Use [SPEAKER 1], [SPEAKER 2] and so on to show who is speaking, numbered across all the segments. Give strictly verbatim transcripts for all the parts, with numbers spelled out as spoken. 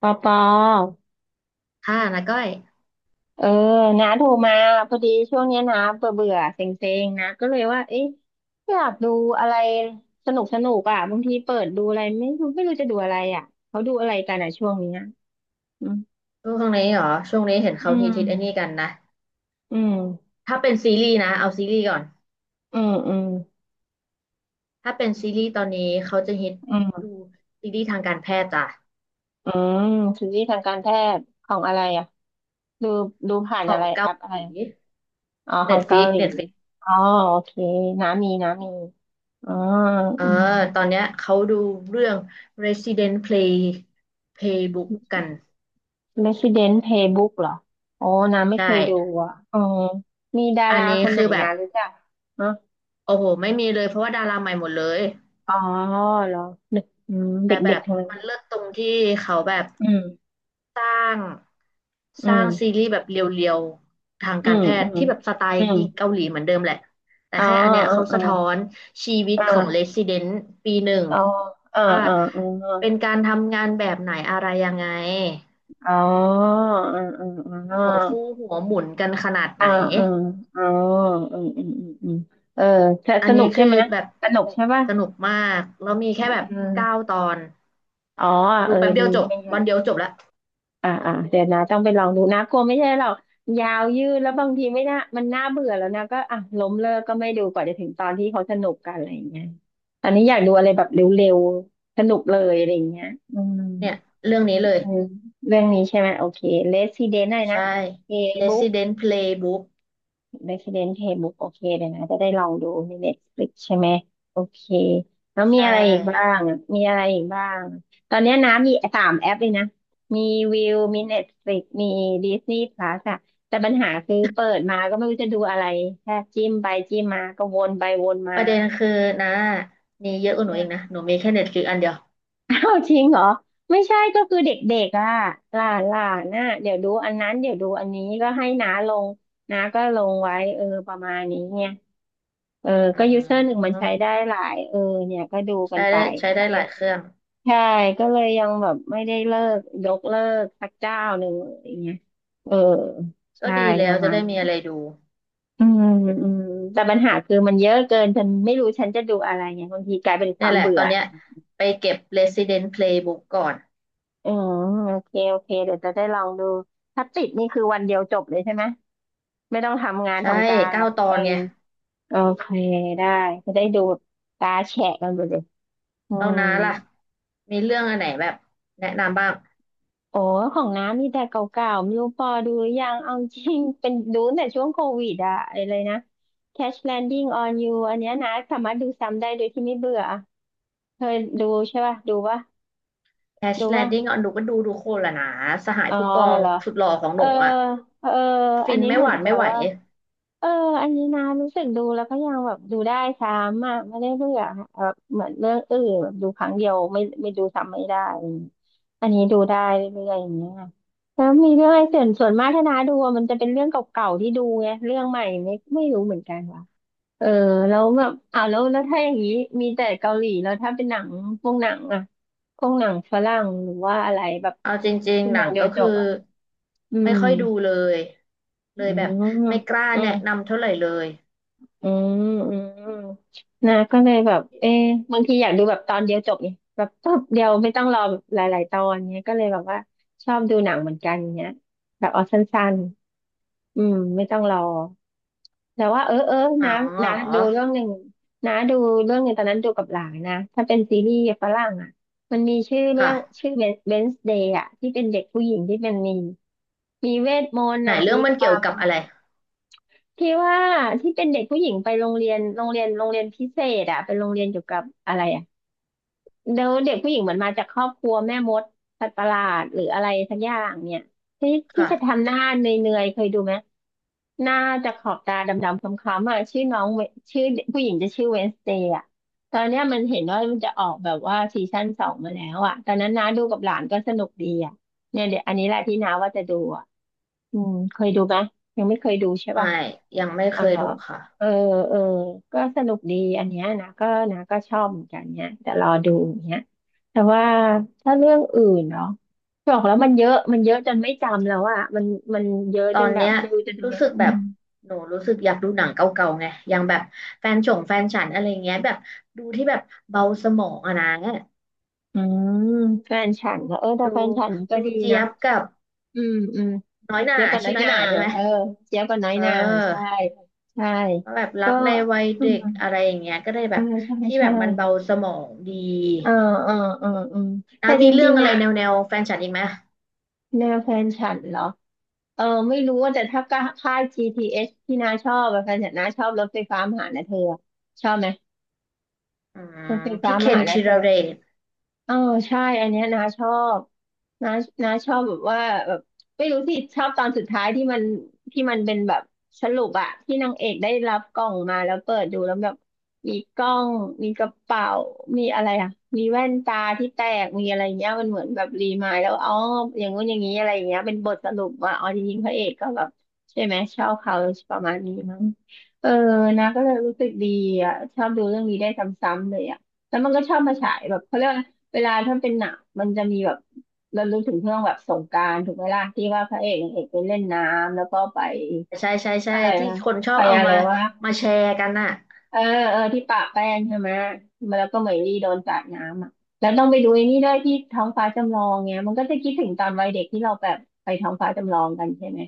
[SPEAKER 1] ปอปอ
[SPEAKER 2] ค่ะนะก้อย
[SPEAKER 1] เออนาโทรมาพอดีช่วงเนี้ยนะเบื่อเบื่อเซ็งเซ็งๆนะก็เลยว่าเอ๊ะอยากดูอะไรสนุกสนุกอ่ะบางทีเปิดดูอะไรไม่รู้ไม่รู้จะดูอะไรอ่ะเขาดูอะไรกันอ่ะช่วงเนี้ยอืม
[SPEAKER 2] ช่วงนี้เหรอช่วงนี้เห็น
[SPEAKER 1] อื
[SPEAKER 2] เขาฮิตฮิตไอ้นี่
[SPEAKER 1] ม
[SPEAKER 2] กันนะ
[SPEAKER 1] อืม
[SPEAKER 2] ถ้าเป็นซีรีส์นะเอาซีรีส์ก่อน
[SPEAKER 1] อืมอืม
[SPEAKER 2] ถ้าเป็นซีรีส์ตอนนี้เขาจะฮิต
[SPEAKER 1] อื
[SPEAKER 2] ดู
[SPEAKER 1] ม
[SPEAKER 2] ซีรีส์ทางการแพทย์จ้ะ
[SPEAKER 1] อืมซีรีส์ทางการแพทย์ของอะไรอ่ะดูดูผ่าน
[SPEAKER 2] ขอ
[SPEAKER 1] อะ
[SPEAKER 2] ง
[SPEAKER 1] ไรแอ
[SPEAKER 2] เกา
[SPEAKER 1] ปอะ
[SPEAKER 2] ห
[SPEAKER 1] ไร
[SPEAKER 2] ลี
[SPEAKER 1] อ๋อขอ
[SPEAKER 2] เน็ต
[SPEAKER 1] งเกา
[SPEAKER 2] ฟิก
[SPEAKER 1] หลี
[SPEAKER 2] เน็ตฟิก
[SPEAKER 1] อ๋อโอเคน้ามีน้ามีอ๋อ
[SPEAKER 2] เออ
[SPEAKER 1] อืม
[SPEAKER 2] ตอนเนี้ยเขาดูเรื่อง Resident Play Playbook กัน
[SPEAKER 1] Resident Playbook เหรอโอ้น้าไม่
[SPEAKER 2] ใช่
[SPEAKER 1] เคยดูอ่ะอ๋อมีดา
[SPEAKER 2] อั
[SPEAKER 1] รา
[SPEAKER 2] นนี้
[SPEAKER 1] คนไหน
[SPEAKER 2] คือแบ
[SPEAKER 1] นะ
[SPEAKER 2] บ
[SPEAKER 1] รู้จักฮะ
[SPEAKER 2] โอ้โหไม่มีเลยเพราะว่าดาราใหม่หมดเลย
[SPEAKER 1] อ๋อเหรอเด็กอืม
[SPEAKER 2] แต่แบ
[SPEAKER 1] เด็ก
[SPEAKER 2] บ
[SPEAKER 1] ๆทั้งนั้น
[SPEAKER 2] มันเลิศตรงที่เขาแบบ
[SPEAKER 1] อืม
[SPEAKER 2] สร้าง
[SPEAKER 1] อื
[SPEAKER 2] สร้า
[SPEAKER 1] ม
[SPEAKER 2] งซีรีส์แบบเรียวๆทาง
[SPEAKER 1] อื
[SPEAKER 2] การ
[SPEAKER 1] ม
[SPEAKER 2] แพ
[SPEAKER 1] อื
[SPEAKER 2] ทย์
[SPEAKER 1] ม
[SPEAKER 2] ที่แบบสไตล์
[SPEAKER 1] อืม
[SPEAKER 2] เกาหลีเหมือนเดิมแหละแต่
[SPEAKER 1] อ๋อ
[SPEAKER 2] แค่อันเนี้ย
[SPEAKER 1] เออ
[SPEAKER 2] เขา
[SPEAKER 1] เออ
[SPEAKER 2] สะท้อนชีวิ
[SPEAKER 1] เ
[SPEAKER 2] ตของเ e
[SPEAKER 1] ออ
[SPEAKER 2] ส i ิเดน t ปีหนึ่ง
[SPEAKER 1] อ๋อเออ
[SPEAKER 2] ว่า
[SPEAKER 1] เออเออ
[SPEAKER 2] เป็นการทำงานแบบไหนอะไรยังไง
[SPEAKER 1] อ๋อเออเออเอ
[SPEAKER 2] หัวฟู
[SPEAKER 1] อ
[SPEAKER 2] หัวหมุนกันขนาด
[SPEAKER 1] อ่า
[SPEAKER 2] ไหน
[SPEAKER 1] เอออ๋ออืมอืมอืมอืมเออ
[SPEAKER 2] อั
[SPEAKER 1] ส
[SPEAKER 2] น
[SPEAKER 1] นุ
[SPEAKER 2] นี้
[SPEAKER 1] กใช่
[SPEAKER 2] คือ
[SPEAKER 1] ไหม
[SPEAKER 2] แบบ
[SPEAKER 1] สนุกใช่ป่ะ
[SPEAKER 2] สนุกมากแล้วมี
[SPEAKER 1] อื
[SPEAKER 2] แค่
[SPEAKER 1] ม
[SPEAKER 2] แบบ
[SPEAKER 1] อม
[SPEAKER 2] เก้าตอน
[SPEAKER 1] อ๋อเอ
[SPEAKER 2] ดู
[SPEAKER 1] อ
[SPEAKER 2] แป๊บเดี
[SPEAKER 1] ดี
[SPEAKER 2] ยวจบ
[SPEAKER 1] ไม่
[SPEAKER 2] วันเดียวจบละ
[SPEAKER 1] อ่าอ่าเดี๋ยวนะต้องไปลองดูนะกลัวไม่ใช่หรอกยาวยืดแล้วบางทีไม่น่ามันน่าเบื่อแล้วนะก็อ่ะล้มเลิกก็ไม่ดูกว่าจะถึงตอนที่เขาสนุกกันอะไรอย่างเงี้ยตอนนี้อยากดูอะไรแบบเร็วๆสนุกเลยอะไรอย่างเงี้ยอืม
[SPEAKER 2] เนี่ยเรื่องนี้เลย
[SPEAKER 1] อืมเรื่องนี้ใช่ไหมโอเค Resident อะไรนะ
[SPEAKER 2] ใช่
[SPEAKER 1] A b o o k
[SPEAKER 2] Resident Playbook
[SPEAKER 1] Resident Playbook โอเคเดี๋ยวนะจะได้ลองดูใน Netflix ใช่ไหมโอเคแล้วมี
[SPEAKER 2] ใช่
[SPEAKER 1] อะไรอีกบ้างอะมีอะไรอีกบ้างตอนเนี้ยนะมีสามแอปเลยนะมีวิวมี Netflix มี Disney Plus อะแต่ปัญหาคือเปิดมาก็ไม่รู้จะดูอะไรแค่จิ้มไปจิ้มมาก็วนไปวนมา
[SPEAKER 2] ประเด็นคือนะมีเยอะกว่าหนู
[SPEAKER 1] อ่ะ
[SPEAKER 2] เองนะหนูมีแค่เน็ตฟลิกอันเดียว
[SPEAKER 1] อ้า วจริงเหรอไม่ใช่ก็คือเด็กๆอ่ะหลานหลานน่ะเดี๋ยวดูอันนั้นเดี๋ยวดูอันนี้ก็ให้น้าลงน้าก็ลงไว้เออประมาณนี้ไง เออ
[SPEAKER 2] อ
[SPEAKER 1] ก็ยูเซอร์หนึ่ง
[SPEAKER 2] ื
[SPEAKER 1] มันใช้ได้
[SPEAKER 2] ม
[SPEAKER 1] หลายเออเนี่ยก็ดูกั
[SPEAKER 2] ใช้
[SPEAKER 1] นไป
[SPEAKER 2] ได้ใช้ได้
[SPEAKER 1] ก็
[SPEAKER 2] ห
[SPEAKER 1] เลย
[SPEAKER 2] ลายเครื่อง
[SPEAKER 1] ใช่ก็เลยยังแบบไม่ได้เลิกยกเลิกสักเจ้าหนึ่งอะไรเงี้ยเออ
[SPEAKER 2] ก็
[SPEAKER 1] ใช่
[SPEAKER 2] ดีแล้
[SPEAKER 1] ป
[SPEAKER 2] ว
[SPEAKER 1] ระ
[SPEAKER 2] จะ
[SPEAKER 1] มาณ
[SPEAKER 2] ได้มี
[SPEAKER 1] นั้น
[SPEAKER 2] อะไรดู
[SPEAKER 1] อืมอืมแต่ปัญหาคือมันเยอะเกินฉันไม่รู้ฉันจะดูอะไรไงบางทีกลายเป็นค
[SPEAKER 2] เนี่
[SPEAKER 1] วา
[SPEAKER 2] ย
[SPEAKER 1] ม
[SPEAKER 2] แหละ
[SPEAKER 1] เบื่
[SPEAKER 2] ตอ
[SPEAKER 1] อ
[SPEAKER 2] นเนี้ยไปเก็บ Resident Playbook ก่อน
[SPEAKER 1] อืมโอเค โอเคเดี๋ยวจะได้ลองดู ถ้าติดนี่คือวันเดียวจบเลยใช่ไหม ไม่ต้องทำงาน
[SPEAKER 2] ใช่
[SPEAKER 1] ทำการ
[SPEAKER 2] เก้า
[SPEAKER 1] ละ
[SPEAKER 2] ตอ
[SPEAKER 1] เออ
[SPEAKER 2] นไง
[SPEAKER 1] โอเค ได้ จะได้ดูแบบตาแฉะกันไปเลยอื
[SPEAKER 2] เรา
[SPEAKER 1] ม
[SPEAKER 2] น้าล่ะมีเรื่องอันไหนแบบแนะนำบ้าง
[SPEAKER 1] โอ้ ของน้ำมีแต่เก่าๆ ไม่รู้พอดูหรือยังเอาจริง เป็นดูตั้งแต่ช่วงโควิดอะไอ้เลยนะ Crash Landing on You อันเนี้ยนะสามารถดูซ้ำได้โดยที่ไม่เบื่อเคยดูใช่ป่ะ ดูป่ะ
[SPEAKER 2] Crash
[SPEAKER 1] ดูป่ะ
[SPEAKER 2] Landing อ่ะหนูก็ดูดูโคตรละนะสหาย
[SPEAKER 1] อ๋อ
[SPEAKER 2] ผู้กอง
[SPEAKER 1] เหรอ
[SPEAKER 2] สุดหล่อของ
[SPEAKER 1] เอ
[SPEAKER 2] ห
[SPEAKER 1] อ
[SPEAKER 2] นูอ่ะ
[SPEAKER 1] เอออั
[SPEAKER 2] ฟิ
[SPEAKER 1] น
[SPEAKER 2] น
[SPEAKER 1] นี้
[SPEAKER 2] ไม่
[SPEAKER 1] เห
[SPEAKER 2] ห
[SPEAKER 1] มือน
[SPEAKER 2] วาน
[SPEAKER 1] แปล
[SPEAKER 2] ไม่ไหว
[SPEAKER 1] ว่าเอออันนี้นะรู้สึกดูแล้วก็ยังแบบดูได้ซ้ำอ่ะไม่ได้เบื่อแบบเหมือนเรื่องอื่นแบบดูครั้งเดียวไม่ไม่ดูซ้ำไม่ได้ อันนี้ดูได้เรื่อยๆอย่างเงี้ยแล้วมีเรื่องอะไรส่วนส่วนมากถ้านาดูอะมันจะเป็นเรื่องเก่าๆที่ดูไงเรื่องใหม่ไม่ไม่รู้เหมือนกันว่ะเออแล้วแบบอ้าวแล้วแล้วถ้าอย่างนี้มีแต่เกาหลีแล้วถ้าเป็นหนังพวกหนังอ่ะพวกหนังฝรั่งหรือว่าอะไรแบบ
[SPEAKER 2] เอาจริง
[SPEAKER 1] ชั่ว
[SPEAKER 2] ๆห
[SPEAKER 1] โม
[SPEAKER 2] นั
[SPEAKER 1] ง
[SPEAKER 2] ง
[SPEAKER 1] เดีย
[SPEAKER 2] ก็
[SPEAKER 1] วจ
[SPEAKER 2] คื
[SPEAKER 1] บ
[SPEAKER 2] อ
[SPEAKER 1] อ่ะ อื
[SPEAKER 2] ไม่
[SPEAKER 1] ม
[SPEAKER 2] ค่อยดูเลยเลยแบบ
[SPEAKER 1] ออ
[SPEAKER 2] ไม่กล้าแนะ
[SPEAKER 1] อ
[SPEAKER 2] นำเท่าไหร่เลย
[SPEAKER 1] ืมอืมอืมอืมนะก็เลยแบบเอ๊ะบางทีอยากดูแบบตอนเดียวจบเนี่ยแบบปุ๊บเดียวไม่ต้องรอแบบหลายๆตอนเนี้ยก็เลยแบบว่าชอบดูหนังเหมือนกันเนี้ยแบบเอาสั้นๆอืมไม่ต้องรอแต่ว่าเออเออ
[SPEAKER 2] หนั
[SPEAKER 1] นะ
[SPEAKER 2] งเหรอ
[SPEAKER 1] นะดูเรื่องหนึ่งนะดูเรื่องหนึ่งตอนนั้นดูกับหลานนะถ้าเป็นซีรีส์ฝรั่งอ่ะมันมีชื่อเรื่
[SPEAKER 2] ค่ะ
[SPEAKER 1] องชื่อเวนส์เดย์อ่ะที่เป็นเด็กผู้หญิงที่เป็นมีมีเวทมนต์
[SPEAKER 2] ไหน
[SPEAKER 1] อ่ะ
[SPEAKER 2] เรื่อ
[SPEAKER 1] มี
[SPEAKER 2] งมัน
[SPEAKER 1] ค
[SPEAKER 2] เกี่
[SPEAKER 1] วา
[SPEAKER 2] ยว
[SPEAKER 1] ม
[SPEAKER 2] กับอะไร
[SPEAKER 1] พี่ว่าที่เป็นเด็กผู้หญิงไปโรงเรียนโรงเรียนโรงเรียนพิเศษอะเป็นโรงเรียนเกี่ยวกับอะไรอะเดี๋ยวเด็กผู้หญิงเหมือนมาจากครอบครัวแม่มดสัตว์ประหลาดหรืออะไรสักอย่างเนี่ยที่ที่จะ
[SPEAKER 2] ค่ะ
[SPEAKER 1] ทำหน้าเนยๆเคยดูไหมหน้าจะขอบตาดำๆคล้ำๆอะชื่อน้องเวชื่อเด็กผู้หญิงจะชื่อเวนสเตย์อะตอนเนี้ยมันเห็นว่ามันจะออกแบบว่าซีซั่นสองมาแล้วอะตอนนั้นน้าดูกับหลานก็สนุกดีอะเนี่ยเดี๋ยวอันนี้แหละที่น้าว่าจะดูอะอืมเคยดูไหมยังไม่เคยดูใช่
[SPEAKER 2] ไม่
[SPEAKER 1] ปะ
[SPEAKER 2] ยังไม่
[SPEAKER 1] อ๋
[SPEAKER 2] เค
[SPEAKER 1] อเหร
[SPEAKER 2] ย
[SPEAKER 1] อ
[SPEAKER 2] ดูค่ะ
[SPEAKER 1] เออเออก็สนุกดีอันเนี้ยนะก็นะก็ชอบเหมือนกันเนี่ยแต่รอดูอย่างเนี้ยแต่ว่าถ้าเรื่องอื่นเนาะบอกแล้วมันเยอะมันเยอะจนไม่จำแล้วอะมันมันเยอะ
[SPEAKER 2] ตอ
[SPEAKER 1] จน
[SPEAKER 2] น
[SPEAKER 1] แบ
[SPEAKER 2] เนี้
[SPEAKER 1] บ
[SPEAKER 2] ย
[SPEAKER 1] ไม่รู้จะดู
[SPEAKER 2] รู้
[SPEAKER 1] แบบ
[SPEAKER 2] สึก
[SPEAKER 1] อื
[SPEAKER 2] แบบ
[SPEAKER 1] ม
[SPEAKER 2] หนูรู้สึกอยากดูหนังเก่าๆไงอย่างแบบแฟนฉงแฟนฉันอะไรเงี้ยแบบดูที่แบบเบาสมองอะนะ
[SPEAKER 1] อืมแฟนฉันนะเออแต่
[SPEAKER 2] ดู
[SPEAKER 1] แฟนฉันนี่ก็
[SPEAKER 2] ดู
[SPEAKER 1] ดี
[SPEAKER 2] เจี๊
[SPEAKER 1] นะ
[SPEAKER 2] ยบกับ
[SPEAKER 1] อืมอืม
[SPEAKER 2] น้อยหน่า
[SPEAKER 1] เจี๊ยบกับน้
[SPEAKER 2] ชื่อ
[SPEAKER 1] อย
[SPEAKER 2] น้อย
[SPEAKER 1] นา
[SPEAKER 2] หน่าใช่ไหม
[SPEAKER 1] เออเจี๊ยบกับน้อย
[SPEAKER 2] เอ
[SPEAKER 1] นาใช่
[SPEAKER 2] อ
[SPEAKER 1] ใช่
[SPEAKER 2] แบบรั
[SPEAKER 1] ก็
[SPEAKER 2] กในวัย
[SPEAKER 1] อื
[SPEAKER 2] เด็
[SPEAKER 1] ม
[SPEAKER 2] กอะไรอย่างเงี้ยก็ได้แบ
[SPEAKER 1] ใช่
[SPEAKER 2] บ
[SPEAKER 1] ใช่
[SPEAKER 2] ที่แบ
[SPEAKER 1] ใช่
[SPEAKER 2] บมันเบาสมองดี
[SPEAKER 1] เออเออเออเออ
[SPEAKER 2] อ่ะ
[SPEAKER 1] แต่จ
[SPEAKER 2] มีเรื่อ
[SPEAKER 1] ริ
[SPEAKER 2] ง
[SPEAKER 1] ง
[SPEAKER 2] อะ
[SPEAKER 1] ๆ
[SPEAKER 2] ไร
[SPEAKER 1] อะ
[SPEAKER 2] แนวแนวแฟนฉันอีกไหม
[SPEAKER 1] แนวแฟนฉันเหรอ เออไม่รู้ว่าแต่ถ้าค่าย จี ที เอช ทีเอสที่น้าชอบอะค่ะแต่น้าชอบรถไฟฟ้ามหานะเธอชอบไหม
[SPEAKER 2] อื
[SPEAKER 1] รถ
[SPEAKER 2] ม
[SPEAKER 1] ไฟฟ้า
[SPEAKER 2] พี่เค
[SPEAKER 1] ม
[SPEAKER 2] น
[SPEAKER 1] หานะ
[SPEAKER 2] ธี
[SPEAKER 1] เธ
[SPEAKER 2] ร
[SPEAKER 1] อ
[SPEAKER 2] เดช
[SPEAKER 1] เออใช่อันเนี้ยนาชอบนานาชอบแบบว่าแบบไม่รู้สิชอบตอนสุดท้ายที่มันที่มันเป็นแบบสรุปอะที่นางเอกได้รับกล่องมาแล้วเปิดดูแล้วแบบมีกล้องมีกระเป๋ามีอะไรอะมีแว่นตาที่แตกมีอะไรเงี้ยมันเหมือนแบบรีมายแล้วอ๋ออย่างงู้นอย่างนี้อะไรอย่างเงี้ยเป็นบทสรุปว่าอ๋อจริงๆพระเอกก็แบบใช่ไหมชอบเขาประมาณนี้มั้งเออนาก็เลยรู้สึกดีอะชอบดูเรื่องนี้ได้ซ้ำๆเลยอะแล้วมันก็ชอบมาฉายแบบเขาเรียกว่า เวลาถ้าเป็นหนังมันจะมีแบบเรารู้ถึงเรื่องแบบสงกรานต์ถูกไหมล่ะที่ว่าพระเอกนางเอกไปเล่นน้ำแล้วก็ไป
[SPEAKER 2] ใช่ใช่ใช่
[SPEAKER 1] อะไร
[SPEAKER 2] ที่
[SPEAKER 1] นะ
[SPEAKER 2] คนชอ
[SPEAKER 1] ไป
[SPEAKER 2] บเอา
[SPEAKER 1] อะไร
[SPEAKER 2] มา
[SPEAKER 1] ว่า
[SPEAKER 2] มาแชร์กันน่ะ
[SPEAKER 1] เออเออที่ปะแป้งใช่ไหมมาแล้วก็เหมยลี่โดนสาดน้ำอ่ะแล้วต้องไปดูไอ้นี่ด้วยที่ท้องฟ้าจำลองเงี้ยมันก็จะคิดถึงตอนวัยเด็กที่เราแบบไปท้องฟ้าจำลองกันใช่ไหม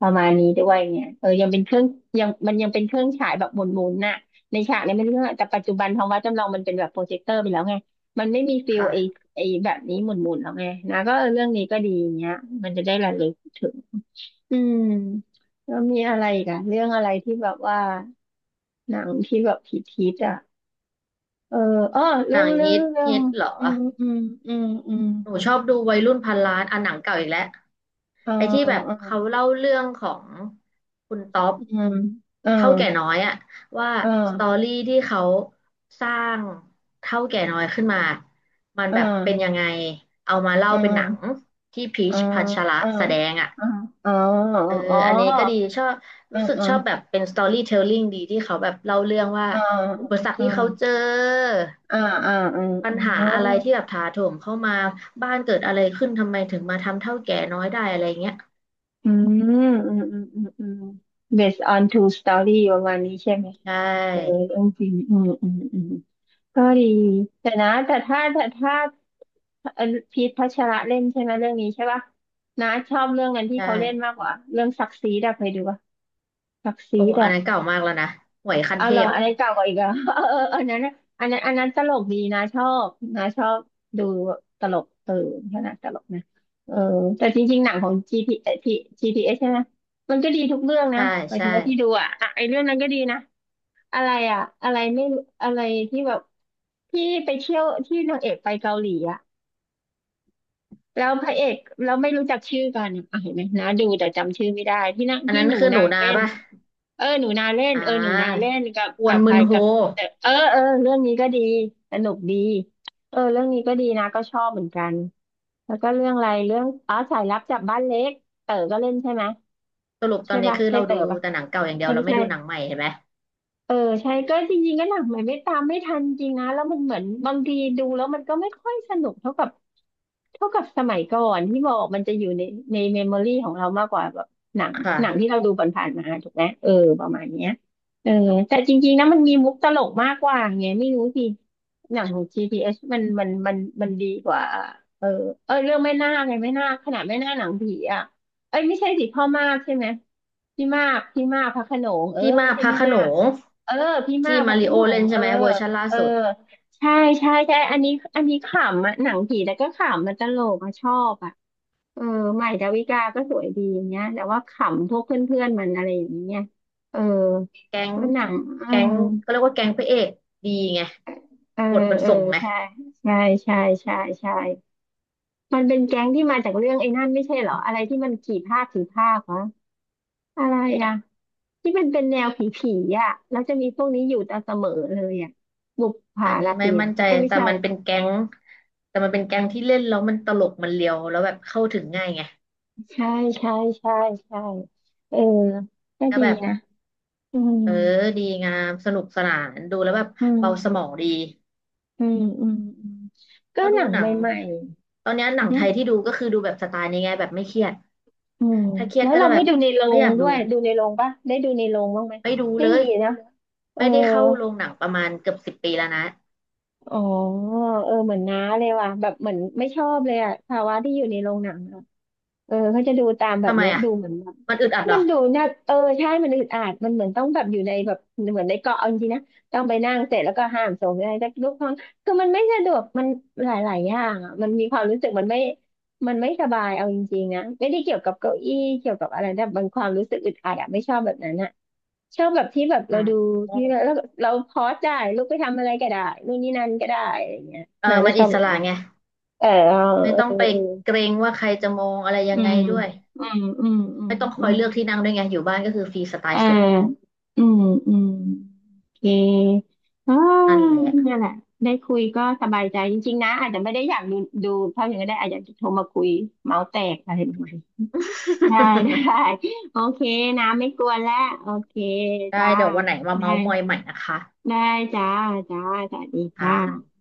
[SPEAKER 1] ประมาณนี้ด้วยเนี่ยเออยังเป็นเครื่องยังมันยังเป็นเครื่องฉายแบบหมุนๆน่ะในฉากเนี้ไม่รู้ว่าแต่ปัจจุบันท้องฟ้าจำลองมันเป็นแบบโปรเจคเตอร์ไปแล้วไงมันไม่มีฟิลไอ้
[SPEAKER 2] ค่ะ
[SPEAKER 1] ไอ้แบบนี้หมุนๆแล้วไงนะก็เออเรื่องนี้ก็ดีเงี้ยมันจะได้ระลึกถึงอืมแล้วมีอะไรอีกันเรื่องอะไรที่แบบว่าหนังที่แบบพีคๆอ่ะ เอออ้อ
[SPEAKER 2] ห
[SPEAKER 1] เรื่
[SPEAKER 2] นั
[SPEAKER 1] อง
[SPEAKER 2] ง
[SPEAKER 1] เรื่อ
[SPEAKER 2] ฮิ
[SPEAKER 1] ง
[SPEAKER 2] ต
[SPEAKER 1] เรื่อ
[SPEAKER 2] ฮิ
[SPEAKER 1] ง
[SPEAKER 2] ตเหรอ
[SPEAKER 1] อืมอืมอืมอืม
[SPEAKER 2] หนูชอบดูวัยรุ่นพันล้านอ่ะหนังเก่าอีกแล้ว
[SPEAKER 1] อ่า
[SPEAKER 2] ไอ้ที่แบบ
[SPEAKER 1] อ่า
[SPEAKER 2] เขาเล่าเรื่องของคุณต๊อป
[SPEAKER 1] อืมอ่า
[SPEAKER 2] เท่าแก่น้อยอะว่า
[SPEAKER 1] อ
[SPEAKER 2] สตอ
[SPEAKER 1] ่า
[SPEAKER 2] รี่ที่เขาสร้างเท่าแก่น้อยขึ้นมามัน
[SPEAKER 1] อ่
[SPEAKER 2] แบบเป็นยัง
[SPEAKER 1] า
[SPEAKER 2] ไงเอามาเล่า
[SPEAKER 1] อ่
[SPEAKER 2] เป็นหนัง
[SPEAKER 1] า
[SPEAKER 2] ที่พี
[SPEAKER 1] อ่า
[SPEAKER 2] ชพัชระ
[SPEAKER 1] อ่า
[SPEAKER 2] แสดงอะ
[SPEAKER 1] อ่าอ๋อ
[SPEAKER 2] เออ
[SPEAKER 1] อ๋อ
[SPEAKER 2] อันนี้ก็ดีชอบ
[SPEAKER 1] อ่า
[SPEAKER 2] รู้สึก
[SPEAKER 1] อ่า
[SPEAKER 2] ชอบแบบเป็นสตอรี่เทลลิ่งดีที่เขาแบบเล่าเรื่องว่า
[SPEAKER 1] อ่า
[SPEAKER 2] อุปสรรค
[SPEAKER 1] อ่า
[SPEAKER 2] ที่เขาเจอ
[SPEAKER 1] อ่าอ่าอ่
[SPEAKER 2] ปัญหา
[SPEAKER 1] า
[SPEAKER 2] อะไรที่แบบถาโถมเข้ามาบ้านเกิดอะไรขึ้นทำไมถึงมาทำเท่าแก่น้อยได้อะไรเงี้ย
[SPEAKER 1] อืมอืมอืมอืมอืมอืม based on true story ประมาณนี้ใช่ไหม
[SPEAKER 2] ใช
[SPEAKER 1] เออ
[SPEAKER 2] ่
[SPEAKER 1] เรื่องจริงอืมอืมอืม ก็ดีแต่นะแต่ถ้าแต่ถ้าเอ่อพีทพัชระเล่นใช่ไหมเรื่องนี้ใช่ป่ะนะชอบเรื่องนั้นที่
[SPEAKER 2] ใช
[SPEAKER 1] เขาเล่นมาก
[SPEAKER 2] ่
[SPEAKER 1] กว่าเรื่องซักซีดอะเคยดูป่ะซักซี
[SPEAKER 2] โอ้โห
[SPEAKER 1] ด
[SPEAKER 2] อั
[SPEAKER 1] อะ
[SPEAKER 2] นนั้นเก่ามากแล้วนะหวยขั้น
[SPEAKER 1] เอา
[SPEAKER 2] เท
[SPEAKER 1] เหรอ
[SPEAKER 2] พ
[SPEAKER 1] อันนี้เก่ากว่าอีกเหรอ เออเออ อันนั้นน่ะอันนั้นอันนั้นตลกดีนะชอบนะชอบดูตลกเออขนาดตลกนะเออแต่จริงๆหนังของจีพีเอ่อ P- จี พี เอส ใช่ไหมมันก็ดีทุกเรื่องนะ
[SPEAKER 2] ใช่
[SPEAKER 1] หมายถึ
[SPEAKER 2] ใช่
[SPEAKER 1] งว่าที่ดูอะอ่ะไอเรื่องนั้นก็ดีนะ อะไรอะอะไรไม่รู้อะไรที่แบบที่ไปเที่ยวที่นางเอกไปเกาหลีอะแล้วพระเอกเราไม่รู้จักชื่อกันอะ่ะเห็นไหมนะดูแต่จำชื่อไม่ได้ที่นั่ง
[SPEAKER 2] อัน
[SPEAKER 1] ที่
[SPEAKER 2] นั้น
[SPEAKER 1] หนู
[SPEAKER 2] คือห
[SPEAKER 1] นา
[SPEAKER 2] นูนา
[SPEAKER 1] เล่น
[SPEAKER 2] ป่ะ
[SPEAKER 1] เออหนูนาเล่น
[SPEAKER 2] อ่
[SPEAKER 1] เออหนูนา
[SPEAKER 2] า
[SPEAKER 1] เล่นกับ
[SPEAKER 2] กว
[SPEAKER 1] กั
[SPEAKER 2] น
[SPEAKER 1] บใค
[SPEAKER 2] มึ
[SPEAKER 1] ร
[SPEAKER 2] นโฮ
[SPEAKER 1] กับแต่เออเออเรื่องนี้ก็ดีสนุกดีเออเรื่องนี้ก็ดีนะก็ชอบเหมือนกันแล้วก็เรื่องอะไรเรื่องอ๋อสายลับจับบ้านเล็กเต๋อก็เล่นใช่ไหม
[SPEAKER 2] สรุปตอ
[SPEAKER 1] ใช่
[SPEAKER 2] นนี้
[SPEAKER 1] ป่ะ
[SPEAKER 2] คือ
[SPEAKER 1] ใช่
[SPEAKER 2] เรา
[SPEAKER 1] เต๋
[SPEAKER 2] ดู
[SPEAKER 1] อป่ะ
[SPEAKER 2] แต่หนังเก่าอย่างเดีย
[SPEAKER 1] เอ้
[SPEAKER 2] ว
[SPEAKER 1] ย
[SPEAKER 2] เรา
[SPEAKER 1] ไม่
[SPEAKER 2] ไม่
[SPEAKER 1] ใช่
[SPEAKER 2] ดูหนังใหม่เห็นไหม
[SPEAKER 1] เออใช่ก็จริงๆก็หนังใหม่ไม่ตามไม่ทันจริงนะแล้วมันเหมือนบางทีดูแล้วมันก็ไม่ค่อยสนุกเท่ากับเท่ากับสมัยก่อนที่บอกมันจะอยู่ในในเมมโมรี่ของเรามากกว่าแบบหนัง
[SPEAKER 2] ค
[SPEAKER 1] หนังที่
[SPEAKER 2] ่ะ
[SPEAKER 1] เราดูผ่านๆมาถูกไหมเออประมาณเนี้ยเออแต่จริงๆนะมันมีมุกตลกมากกว่าไงไม่รู้สิหนังของ จี พี เอส มันมันมันมันดีกว่าเออเออเรื่องแม่นาคไงแม่นาคขนาดแม่นาคหนังผีอ่ะเอ้ยไม่ใช่สิพ่อมากใช่ไหมพี่มากพี่มากพระโขนงเออ
[SPEAKER 2] พี่มา
[SPEAKER 1] ไม่
[SPEAKER 2] ก
[SPEAKER 1] ใช่
[SPEAKER 2] พระ
[SPEAKER 1] แม่
[SPEAKER 2] โขน
[SPEAKER 1] นาค
[SPEAKER 2] ง
[SPEAKER 1] เออพี่มา
[SPEAKER 2] ที่
[SPEAKER 1] กเพ
[SPEAKER 2] มา
[SPEAKER 1] ราะ
[SPEAKER 2] ริ
[SPEAKER 1] พี่
[SPEAKER 2] โอ
[SPEAKER 1] หนุ่ม
[SPEAKER 2] เล่น
[SPEAKER 1] เอ
[SPEAKER 2] ใช่
[SPEAKER 1] อ
[SPEAKER 2] ไหมเวอร์ชันล่า
[SPEAKER 1] เออ
[SPEAKER 2] สุด
[SPEAKER 1] ใช่ใช่ใช่อันนี้อันนี้ขำอ่ะหนังผีแล้วก็ขำมันตลกอะชอบอ่ะเออใหม่ดาวิกาก็สวยดีอย่างเงี้ยแต่ว่าขำพวกเพื่อนๆมันอะไรอย่างเงี้ยเออ
[SPEAKER 2] แก๊ง
[SPEAKER 1] ว่าหนังอื
[SPEAKER 2] แก๊
[SPEAKER 1] ม
[SPEAKER 2] งก็เรียกว่าแก๊งพระเอกดีไง
[SPEAKER 1] เออ
[SPEAKER 2] บทมัน
[SPEAKER 1] เออ
[SPEAKER 2] ส่งไง
[SPEAKER 1] ใช่ใช่ใช่ใช่ใช่มันเป็นแก๊งที่มาจากเรื่องไอ้นั่นไม่ใช่เหรออะไรที่มันกี่ภาคกี่ภาควะอะไรอ่ะ ที่มันเป็นแนวผีผีอ่ะแล้วจะมีพวกนี้อยู่ตามเสมอเลยอ่ะบุปผา
[SPEAKER 2] อันนี้
[SPEAKER 1] ราต
[SPEAKER 2] ไม่
[SPEAKER 1] รี
[SPEAKER 2] มั่นใจ
[SPEAKER 1] เอ้ยไม่
[SPEAKER 2] แต่
[SPEAKER 1] ใช่
[SPEAKER 2] มันเป็นแก๊งแต่มันเป็นแก๊งที่เล่นแล้วมันตลกมันเลียวแล้วแบบเข้าถึงง่ายไง
[SPEAKER 1] ใช่ใช่ใช่ใช่เออก็
[SPEAKER 2] แล้ว
[SPEAKER 1] ดี
[SPEAKER 2] แบบ
[SPEAKER 1] นะอืม
[SPEAKER 2] เออดีงามสนุกสนานดูแล้วแบบ
[SPEAKER 1] อืม
[SPEAKER 2] เบาสมองดี
[SPEAKER 1] อืมอืมอืม
[SPEAKER 2] เพ
[SPEAKER 1] ก็
[SPEAKER 2] ราะ
[SPEAKER 1] ห
[SPEAKER 2] ดู
[SPEAKER 1] นัง
[SPEAKER 2] หนั
[SPEAKER 1] ใ
[SPEAKER 2] ง
[SPEAKER 1] หม่
[SPEAKER 2] ตอนเนี้ยหนั
[SPEAKER 1] ๆ
[SPEAKER 2] ง
[SPEAKER 1] อื
[SPEAKER 2] ไท
[SPEAKER 1] ม
[SPEAKER 2] ยที่ดูก็คือดูแบบสไตล์นี้ไงแบบไม่เครียด
[SPEAKER 1] อืม
[SPEAKER 2] ถ้าเครียด
[SPEAKER 1] แล้ว
[SPEAKER 2] ก็
[SPEAKER 1] เรา
[SPEAKER 2] จะแบ
[SPEAKER 1] ไม่
[SPEAKER 2] บ
[SPEAKER 1] ดูในโร
[SPEAKER 2] ไม่อ
[SPEAKER 1] ง
[SPEAKER 2] ยาก
[SPEAKER 1] ด้
[SPEAKER 2] ดู
[SPEAKER 1] วยดูในโรงปะได้ดูในโรงบ้างไหม
[SPEAKER 2] ไม่ดู
[SPEAKER 1] ไม่
[SPEAKER 2] เลย
[SPEAKER 1] มีนะเออ
[SPEAKER 2] ไม่ได้เข้าโรงหนังประมาณเกือบสิบปีแล้วนะ
[SPEAKER 1] อ๋อเออเหมือนน้าเลยว่ะแบบเหมือนไม่ชอบเลยอะภาวะที่อยู่ในโรงหนัง เออเขาจะดูตามแบบ
[SPEAKER 2] ทำไม
[SPEAKER 1] เนี้ย
[SPEAKER 2] อ่ะ
[SPEAKER 1] ดูเหมือนแบบ
[SPEAKER 2] มันอึดอัดเหร
[SPEAKER 1] มั
[SPEAKER 2] อ
[SPEAKER 1] นดูน่าเออใช่มันอึดอัดมันเหมือนต้องแบบอยู่ในแบบเหมือนในเกาะเอาจริงๆนะต้องไปนั่งเสร็จแล้วก็ห้ามส่งอะไรสักลูกห้องคือมันไม่สะดวกมันหลายๆอย่างอ่ะมันมีความรู้สึกมันไม่มันไม่สบายเอาจริงๆนะไม่ได้เกี่ยวกับเก้าอี้เกี่ยวกับอะไรแต่บางความรู้สึกอึดอัดอะไม่ชอบแบบนั้นอ่ะชอบแบบที่แบบ
[SPEAKER 2] อื
[SPEAKER 1] เราดู
[SPEAKER 2] ม
[SPEAKER 1] ที่แล้วเราพอสได้ลูกไปทำอะไรก็ได้นู่นนี่นั่นก็ได้อะไรอย่างเงี้ย
[SPEAKER 2] เออ
[SPEAKER 1] น่าจะ
[SPEAKER 2] มัน
[SPEAKER 1] ชอ
[SPEAKER 2] อิ
[SPEAKER 1] บ
[SPEAKER 2] ส
[SPEAKER 1] แบบ
[SPEAKER 2] ระ
[SPEAKER 1] เนี้ย
[SPEAKER 2] ไง
[SPEAKER 1] เออ
[SPEAKER 2] ไม่
[SPEAKER 1] เออ
[SPEAKER 2] ต้องไป
[SPEAKER 1] เออ
[SPEAKER 2] เกรงว่าใครจะมองอะไรยั
[SPEAKER 1] อื
[SPEAKER 2] งไง
[SPEAKER 1] ม
[SPEAKER 2] ด้วย
[SPEAKER 1] อืมอืมอืม
[SPEAKER 2] ไม่ต้องค
[SPEAKER 1] อื
[SPEAKER 2] อย
[SPEAKER 1] ม
[SPEAKER 2] เลือกที่นั่งด้วยไงอยู่บ้านก็คือฟรีสไต
[SPEAKER 1] เออ
[SPEAKER 2] ล์สุด
[SPEAKER 1] อืมอืม โอเคอ่า
[SPEAKER 2] นั่นแหละ
[SPEAKER 1] นั่นแหละได้คุยก็สบายใจจริงๆนะ อาจจะไม่ได้อยากดูดูเท่าอย่างนั้นก็ได้อาจจะอยากจะโทรมาคุยเมาส์แตกอะไรประมาณนี้ได้ได้ โอเคนะ ไม่กวนแล้ว โอเค
[SPEAKER 2] ได้
[SPEAKER 1] จ้า
[SPEAKER 2] เดี๋ยววันไหนมา
[SPEAKER 1] ได้
[SPEAKER 2] เมาท์มอยใหม่นะคะ
[SPEAKER 1] ได้จ้าจ้าสวัสดี
[SPEAKER 2] ค
[SPEAKER 1] จ้า
[SPEAKER 2] ่ะ